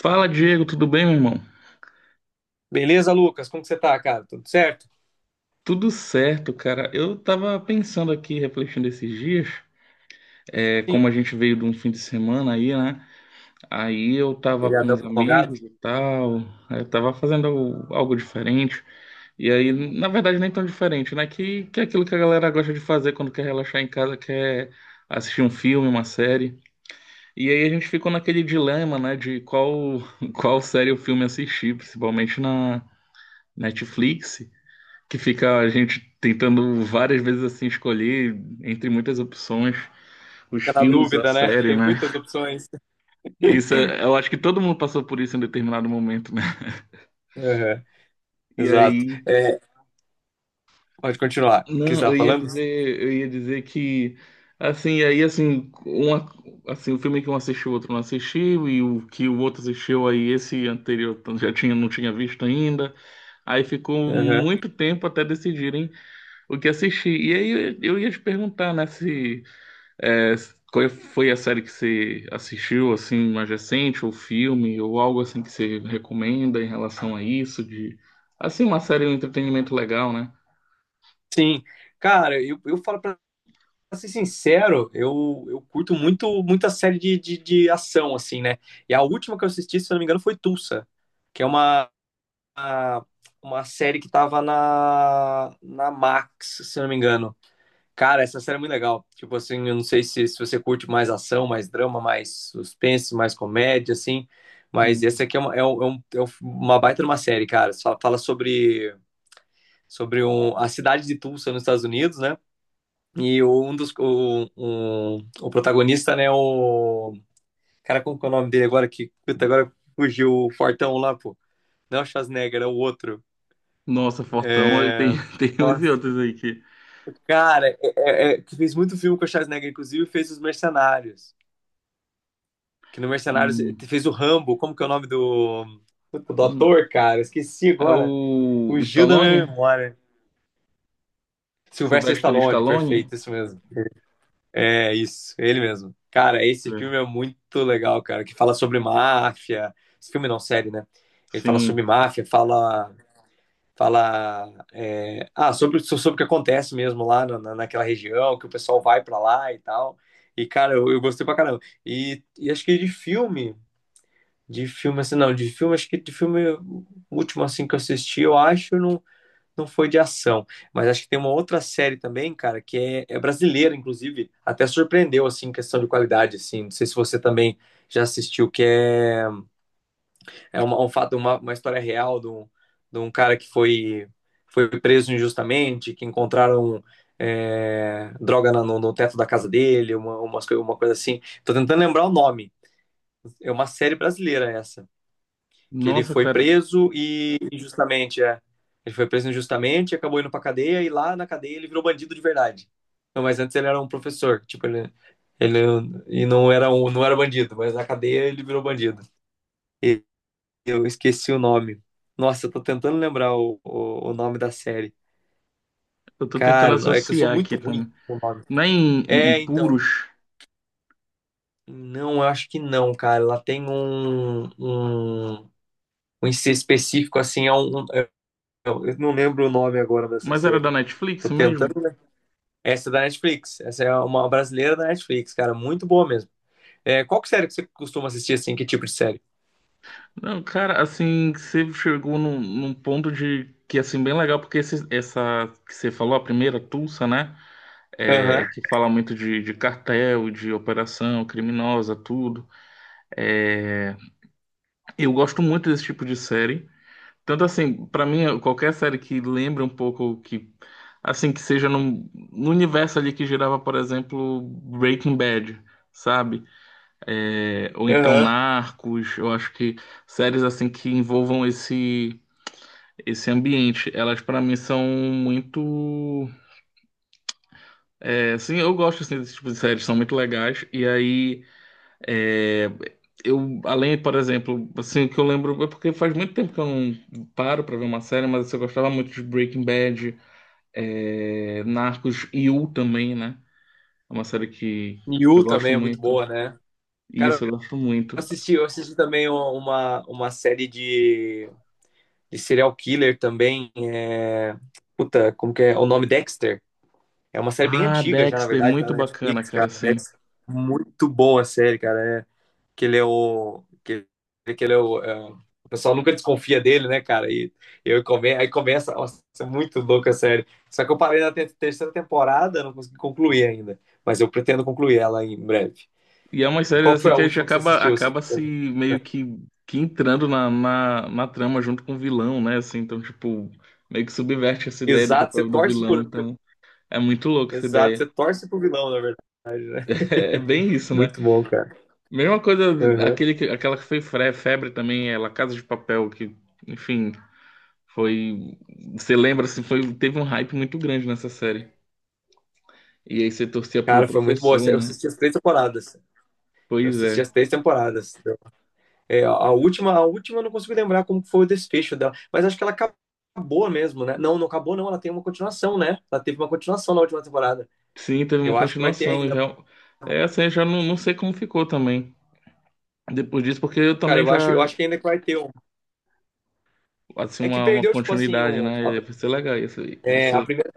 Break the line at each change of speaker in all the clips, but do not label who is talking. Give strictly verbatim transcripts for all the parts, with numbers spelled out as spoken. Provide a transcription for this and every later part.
Fala, Diego, tudo bem, meu irmão?
Beleza, Lucas? Como que você tá, cara? Tudo certo?
Tudo certo, cara. Eu tava pensando aqui, refletindo esses dias, é,
Sim.
como a gente veio de um fim de semana aí, né? Aí eu tava com
Feriadão
os
prolongado.
amigos e tal, aí eu tava fazendo algo algo diferente. E aí, na verdade, nem tão diferente, né? Que, que é aquilo que a galera gosta de fazer quando quer relaxar em casa, quer assistir um filme, uma série. E aí a gente ficou naquele dilema, né, de qual, qual série ou filme assistir, principalmente na Netflix, que fica a gente tentando várias vezes assim escolher entre muitas opções os
Fica na
filmes, a
dúvida, né?
série,
Tem
né?
muitas opções.
Isso, é- eu acho que todo mundo passou por isso em determinado momento, né?
Aham.
E
Exato.
aí,
É, pode continuar. O que você
não,
estava
eu ia
falando?
dizer, eu ia dizer que assim, e aí assim, uma, assim, o filme que um assistiu, o outro não assistiu e o que o outro assistiu aí esse anterior já tinha não tinha visto ainda. Aí ficou
Aham.
muito tempo até decidirem o que assistir. E aí eu, eu ia te perguntar, né, se É, qual é, foi a série que você assistiu, assim, mais recente, ou filme, ou algo assim que você recomenda em relação a isso, de, assim, uma série, um entretenimento legal, né?
Sim. Cara, eu, eu falo pra ser sincero, eu, eu curto muito muita série de, de, de ação, assim, né? E a última que eu assisti, se eu não me engano, foi Tulsa, que é uma, uma uma série que tava na, na Max, se eu não me engano. Cara, essa série é muito legal. Tipo assim, eu não sei se, se você curte mais ação, mais drama, mais suspense, mais comédia, assim. Mas
Hum.
essa aqui é uma, é um- é um- é um- uma baita de uma série, cara. Só fala sobre, sobre um, a cidade de Tulsa, nos Estados Unidos, né? E o- um dos. O, um- o protagonista, né? O. Cara, como que é o nome dele agora? Que puta, agora fugiu o Fortão lá, pô. Não é o Schwarzenegger, é o outro.
Nossa, Fortão, aí tem,
É.
tem uns e
Nossa.
outros aí que...
Cara, é- é- é- que fez muito filme com o Schwarzenegger, inclusive fez Os Mercenários. Que no Mercenários
Hum,
fez o Rambo. Como que é o nome do. Do
hum.
ator, cara? Esqueci
É
agora.
o
Fugiu da
Stallone?
minha memória. Sylvester
Sylvester
Stallone,
Stallone?
perfeito, isso mesmo. É isso, ele mesmo. Cara, esse filme é
É.
muito legal, cara, que fala sobre máfia. Esse filme não, série, né? Ele fala
Sim.
sobre máfia, fala. Fala. é, Ah, sobre, so-, sobre o que acontece mesmo lá na, naquela região, que o pessoal vai pra lá e tal. E, cara, eu, eu gostei pra caramba. E, e acho que de filme, de filme, assim, não, de filme, acho que de filme, o último, assim, que eu assisti, eu acho, não, não foi de ação. Mas acho que tem uma outra série também, cara, que é, é brasileira, inclusive, até surpreendeu, assim, em questão de qualidade, assim. Não sei se você também já assistiu, que é, é uma, um fato, uma, uma história real de um, de um cara que foi, foi preso injustamente, que encontraram é, droga na- no, no teto da casa dele, uma, umas, coi- uma coisa assim. Tô tentando lembrar o nome. É uma série brasileira essa que ele
Nossa,
foi
cara,
preso e injustamente. É. Ele foi preso injustamente, acabou indo pra cadeia e lá na cadeia ele virou bandido de verdade. Não, mas antes ele era um professor, tipo, ele, ele e não era um, não era bandido, mas na cadeia ele virou bandido. E eu esqueci o nome. Nossa, eu tô tentando lembrar o, o, o nome da série.
eu tô tentando
Cara, é que eu sou
associar
muito
aqui
ruim
também.
com o nome.
Não é em,
É,
em
então,
Puros,
não, eu acho que não, cara. Ela tem um, um, um I C específico, assim, é um. Eu eu não lembro o nome agora dessa
mas era da
série. Tô
Netflix mesmo?
tentando, né? Essa é da Netflix. Essa é uma brasileira da Netflix, cara. Muito boa mesmo. É, qual que série que você costuma assistir, assim? Que tipo de série?
Não, cara, assim, você chegou num, num ponto de que, assim, bem legal, porque esse- essa que você falou, a primeira, Tulsa, né? É,
Aham,
que fala muito de, de cartel, de operação criminosa, tudo. É, eu gosto muito desse tipo de série. Tanto assim, pra mim, qualquer série que lembre um pouco que, assim, que seja num- no universo ali que girava, por exemplo, Breaking Bad, sabe? É, ou então
aham.
Narcos, eu acho que séries assim que envolvam esse esse ambiente. Elas, pra mim, são muito. É, sim, eu gosto assim, desse tipo de séries, são muito legais. E aí, é, eu, além, por exemplo, assim, o que eu lembro é porque faz muito tempo que eu não paro pra ver uma série, mas assim, eu gostava muito de Breaking Bad, é, Narcos e You também, né? É uma série que, que eu
You
gosto
também é muito
muito.
boa, né? Cara, eu
Isso, eu gosto muito.
assisti, eu assisti também uma, uma série de, de serial killer também. É... Puta, como que é o nome? Dexter. É uma série bem
Ah,
antiga já, na
Dexter,
verdade, tá
muito
na
bacana,
Netflix,
cara,
cara.
assim.
Dexter. Muito boa a série, cara. É, que ele é o. Que, que ele é o. É, o pessoal nunca desconfia dele, né, cara? E eu come, aí começa. Nossa, isso é muito louco, é sério. Só que eu parei na te- terceira temporada, não consegui concluir ainda. Mas eu pretendo concluir ela em breve.
E é umas séries
Qual que
assim
foi a
que a gente
última que você
acaba,
assistiu, assim?
acaba se meio que, que entrando na, na, na trama junto com o vilão, né? Assim, então, tipo, meio que subverte essa ideia do
Exato, você
papel do
torce
vilão.
por.
Então, é muito louco essa
Exato,
ideia.
você torce pro vilão, na verdade, né?
É bem isso, né?
Muito bom, cara.
Mesma coisa,
Uhum.
aquele, que- aquela que foi fre- febre também, ela Casa de Papel, que, enfim, foi. Você lembra, assim, foi, teve um hype muito grande nessa série. E aí você torcia pro
Cara, foi muito bom.
professor,
Eu
né?
assisti as três temporadas. Eu
Pois
assisti
é.
as três temporadas. É, a última, a última eu não consigo lembrar como foi o desfecho dela, mas acho que ela acabou mesmo, né? Não, não acabou não, ela tem uma continuação, né? Ela teve uma continuação na última temporada.
Sim, teve uma
Eu acho que vai ter
continuação. E
ainda.
real- é assim, eu já não, não sei como ficou também. Depois disso, porque eu
Cara,
também
eu acho,
já,
eu acho que ainda vai ter um.
assim,
É que
uma, uma
perdeu, tipo assim,
continuidade,
um, a,
né? Vai ser legal isso aí. Vai
é, a
ser.
primeira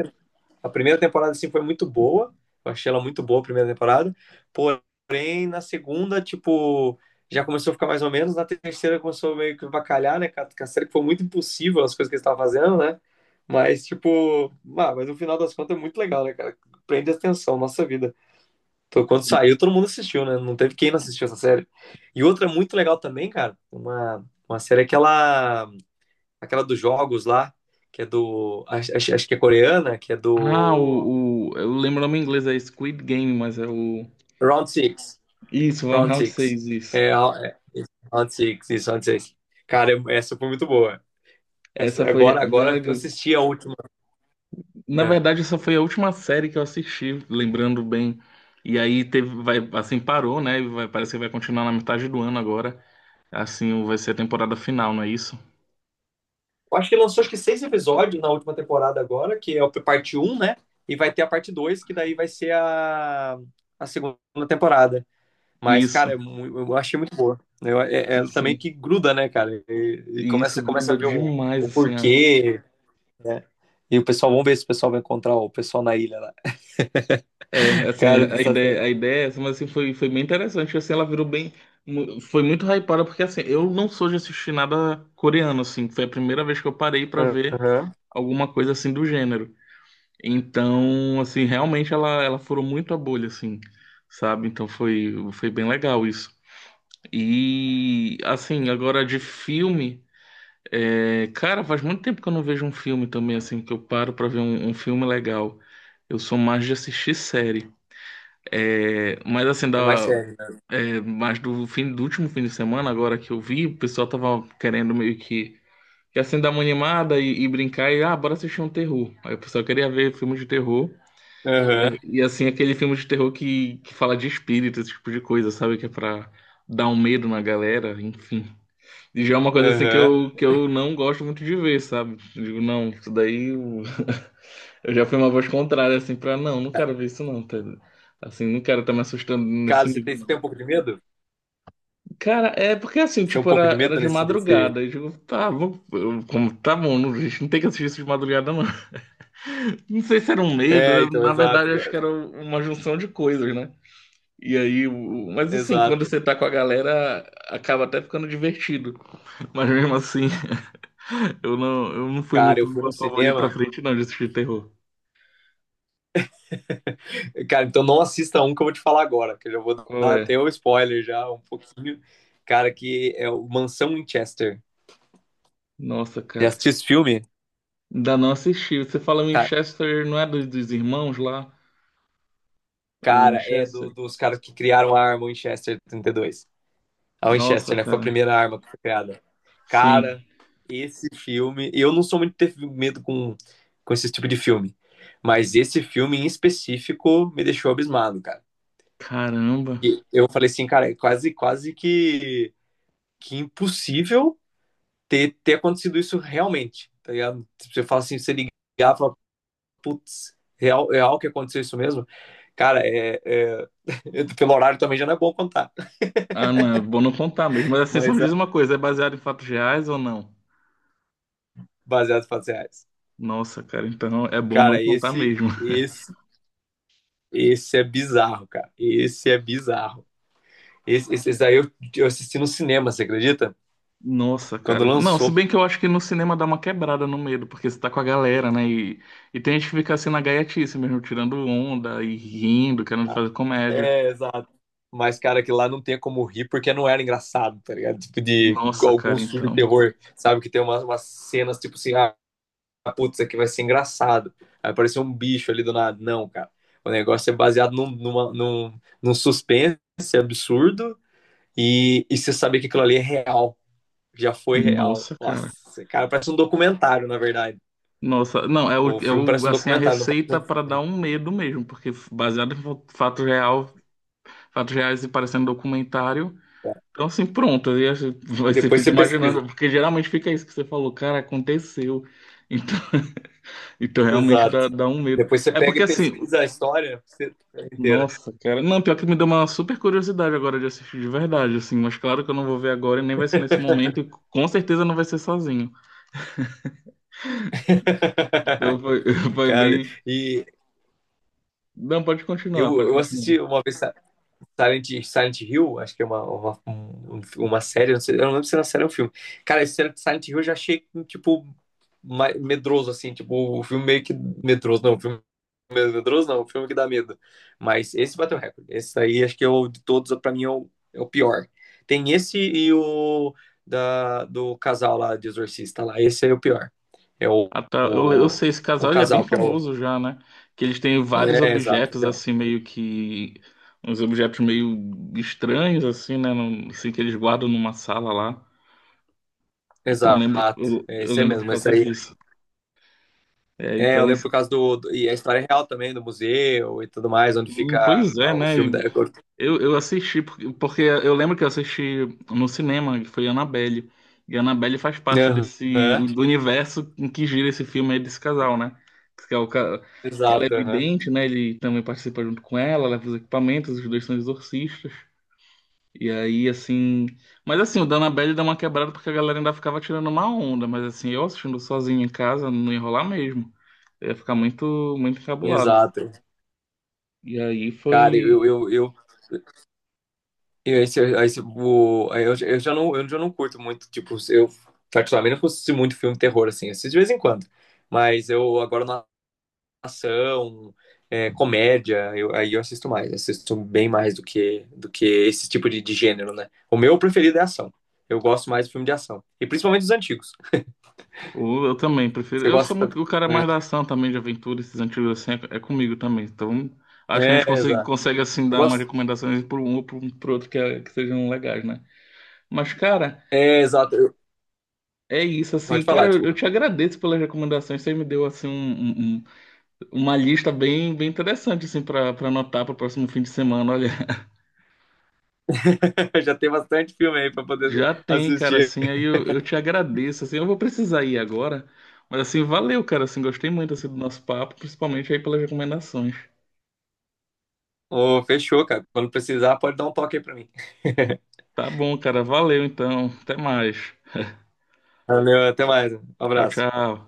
a primeira temporada, assim, foi muito boa. Eu achei ela muito boa a primeira temporada. Porém, na segunda, tipo, já começou a ficar mais ou menos. Na terceira começou meio que bacalhar, né? Com a série que foi muito impossível as coisas que eles estavam fazendo, né? Mas, tipo, ah, mas no final das contas é muito legal, né, cara? Prende atenção, nossa vida. Então, quando
um,
saiu, todo mundo assistiu, né? Não teve quem não assistiu essa série. E outra muito legal também, cara, uma, uma série é aquela, aquela dos jogos lá, que é do. Acho, acho que é coreana, que é
Ah,
do.
o, o. Eu lembro o nome em inglês, é Squid Game, mas é o.
Round Six.
Isso, Van
Round
Round
Six.
seis isso.
É, é, Round Six, isso, Round Six. Cara, eu- essa foi muito boa.
Essa
Essa-
foi
agora,
bem
agora eu
legal.
assisti a última.
Na
É.
verdade, essa foi a última série que eu assisti, lembrando bem. E aí teve, vai, assim, parou, né? E vai, parece que vai continuar na metade do ano agora. Assim, vai ser a temporada final, não é isso?
Eu acho que lançou acho que seis episódios na última temporada agora, que é a parte um, né? E vai ter a parte dois, que daí vai ser a, a segunda temporada. Mas,
Isso.
cara, é mu- eu achei muito boa. Eu, é, é
Sim,
também
sim.
que gruda, né, cara? E, e
E isso
começa, começa a
gruda
ver o,
demais,
o
assim.
porquê, né? E o pessoal, vamos ver se o pessoal vai encontrar o pessoal na ilha lá.
É, assim,
Cara, isso
a
tá
ideia, a
certo.
ideia, é essa, mas assim, foi, foi bem interessante, assim, ela virou bem, mu- foi muito hypada, porque assim, eu não sou de assistir nada coreano, assim, foi a primeira vez que eu parei pra ver alguma coisa assim do gênero. Então, assim, realmente ela, ela furou muito a bolha, assim, sabe? Então foi, foi bem legal isso. E, assim, agora de filme, é, cara, faz muito tempo que eu não vejo um filme também, assim, que eu paro pra ver um um filme legal. Eu sou mais de assistir série. É, Mas assim,
É mais
da,
sério, né?
É, mas do fim do último fim de semana, agora que eu vi, o pessoal tava querendo meio que, que assim dar uma animada e, e brincar e ah, bora assistir um terror. Aí o pessoal queria ver filmes de terror.
Aham,
E, e, assim, aquele filme de terror que, que fala de espírito, esse tipo de coisa, sabe? Que é pra dar um medo na galera, enfim. E já é uma coisa assim que
aham.
eu, que eu não gosto muito de ver, sabe? Eu digo, não, isso daí eu, eu já fui uma voz contrária, assim, pra não, não quero ver isso não, tá? Assim, não quero estar me assustando nesse
Cara, você tem, você tem
nível.
um pouco de medo?
Cara, é porque assim,
Você tem um
tipo,
pouco
era,
de
era
medo
de
nesse, desse...
madrugada. Eu digo, tá, vou, eu- como, tá bom, não- a gente não tem que assistir isso de madrugada, não. Não sei se era um medo,
É,
eu-
então,
na
exato,
verdade, acho que
cara.
era uma junção de coisas, né? E aí, o- mas assim, quando
Exato.
você tá com a galera, acaba até ficando divertido. Mas mesmo assim, eu não, eu não fui
Cara,
muito
eu fui no
a favor de ir pra
cinema.
frente, não, de assistir terror.
Cara, então não assista um que eu vou te falar agora, que eu já vou dar
Qual é?
até o spoiler já, um pouquinho. Cara, que é o Mansão Winchester.
Nossa,
Já
cara,
assistiu esse filme?
ainda não assisti. Você fala
Ca-
Winchester, não é dos, dos irmãos lá? O
Cara, é do-
Winchester?
dos caras que criaram a arma Winchester trinta e dois. A Winchester,
Nossa,
né? Foi a
cara,
primeira arma que foi criada.
sim.
Cara, esse filme. Eu não sou muito ter medo com, com esse tipo de filme. Mas esse filme em específico me deixou abismado, cara.
Caramba.
E eu falei assim, cara, é quase, quase que, que impossível ter, ter acontecido isso realmente. Tá ligado? Você fala assim, você ligar e fala, putz, real, real que aconteceu isso mesmo? Cara, é, é... pelo horário também já não é bom contar,
Ah, não, é bom não contar mesmo. Mas assim, só
mas
me
é
diz uma coisa, é baseado em fatos reais ou não?
baseado em fatos reais.
Nossa, cara, então é bom não
Cara,
contar
esse,
mesmo.
esse esse é bizarro, cara. Esse é bizarro. Esse, esse, esse daí eu, eu assisti no cinema, você acredita?
Nossa,
Quando
cara. Não, se
lançou.
bem que eu acho que no cinema dá uma quebrada no medo, porque você tá com a galera, né? E, e tem gente que fica assim na gaiatice mesmo, tirando onda e rindo, querendo
Ah,
fazer comédia.
é, exato. Mas, cara, que lá não tem como rir porque não era engraçado, tá ligado? Tipo, de
Nossa,
igual
cara,
alguns filmes de
então.
terror, sabe? Que tem umas, umas cenas, tipo assim, ah, putz, isso aqui vai ser engraçado. Aí apareceu um bicho ali do nada. Não, cara. O negócio é baseado num, numa, num, num suspense absurdo e, e você saber que aquilo ali é real. Já foi real.
Nossa, cara.
Nossa, cara, parece um documentário, na verdade.
Nossa, não, é, o,
O
é
filme
o,
parece um
assim, a
documentário. Não
receita
parece-
para dar um medo mesmo, porque baseado em fa- fato real, fatos reais e parecendo documentário. Então, assim, pronto. Aí acho- você
Depois
fica
você pesquisa.
imaginando, porque geralmente fica isso que você falou, cara, aconteceu. Então, então realmente
Exato.
dá, dá um medo.
Depois você
É
pega
porque,
e
assim,
pesquisa a história você- inteira.
nossa, cara. Não, pior que me deu uma super curiosidade agora de assistir de verdade, assim. Mas claro que eu não vou ver agora e nem vai ser nesse momento. E com certeza não vai ser sozinho. Então, foi, foi
Cara,
bem.
e
Não, pode
eu,
continuar, pode
eu
continuar.
assisti uma vez, Silent, Silent Hill, acho que é uma, uma, um- uma série, não sei, eu não lembro se era série ou um filme. Cara, esse Silent Hill eu já achei, tipo, ma- medroso, assim, tipo, o filme meio que medroso, não, o filme medroso não, o filme que dá medo. Mas esse bateu recorde, esse aí acho que é o de todos, pra mim, é o, é o pior. Tem esse e o da, do casal lá, de Exorcista lá, esse é o pior. É o,
Ah, tá. Eu, eu
o,
sei, esse
o
casal ele é bem
casal que é o...
famoso já, né? Que eles têm vários
É, exato, que
objetos,
é o-
assim, meio que. Uns objetos meio estranhos, assim, né? Num- Assim, que eles guardam numa sala lá. Então, eu lembro,
exato,
eu,
é
eu
esse aí
lembro por
mesmo, esse
causa
aí.
disso. É,
É, eu
então,
lembro
isso.
por causa do, do- e a história é real também, do museu e tudo mais, onde
Hum,
fica
pois é,
ah, o
né?
filme da.
Eu, eu assisti, porque, porque eu lembro que eu assisti no cinema, que foi Annabelle. E Annabelle faz parte
Aham.
desse, do universo em que gira esse filme aí desse casal, né? Que, é o, ca- que ela é
Exato, aham.
vidente, né? Ele também participa junto com ela, leva os equipamentos, os dois são exorcistas. E aí, assim. Mas assim, o da Annabelle dá uma quebrada porque a galera ainda ficava tirando uma onda. Mas assim, eu assistindo sozinho em casa, não ia rolar mesmo. Eu ia ficar muito, muito encabulado.
Exato.
E aí
Cara, eu.
foi.
Eu, eu, eu, esse, esse, o, eu, eu já não, eu já não curto muito, tipo, eu particularmente não assisto muito filme terror, assim, assisto de vez em quando. Mas eu agora na ação, é, comédia, eu, aí eu assisto mais, assisto bem mais do que, do que esse tipo de, de gênero, né? O meu preferido é ação. Eu gosto mais de filme de ação. E principalmente os antigos.
O- Eu também prefiro.
Você
Eu sou
gosta,
muito o cara é
né?
mais da ação também, de aventura, esses antigos assim, é, é comigo também. Então, acho que a
É,
gente consegue,
exato.
consegue assim,
Eu
dar umas
gosto.
recomendações por um ou por, um, por outro que, é- que sejam legais, né? Mas, cara,
É, exato. Eu-
é isso, assim,
Pode
cara,
falar,
eu, eu
desculpa.
te agradeço pelas recomendações. Você me deu, assim, um, um- um- uma lista bem, bem interessante, assim, pra, pra anotar pro próximo fim de semana. Olha,
Já tem bastante filme aí pra poder
já tem, cara,
assistir.
assim, aí eu, eu te agradeço, assim, eu vou precisar ir agora. Mas, assim, valeu, cara, assim, gostei muito, assim, do nosso papo, principalmente aí pelas recomendações.
Ô, fechou, cara. Quando precisar, pode dar um toque aí pra mim.
Tá bom, cara. Valeu então. Até mais.
Valeu, até mais. Um
Tchau,
abraço.
tchau.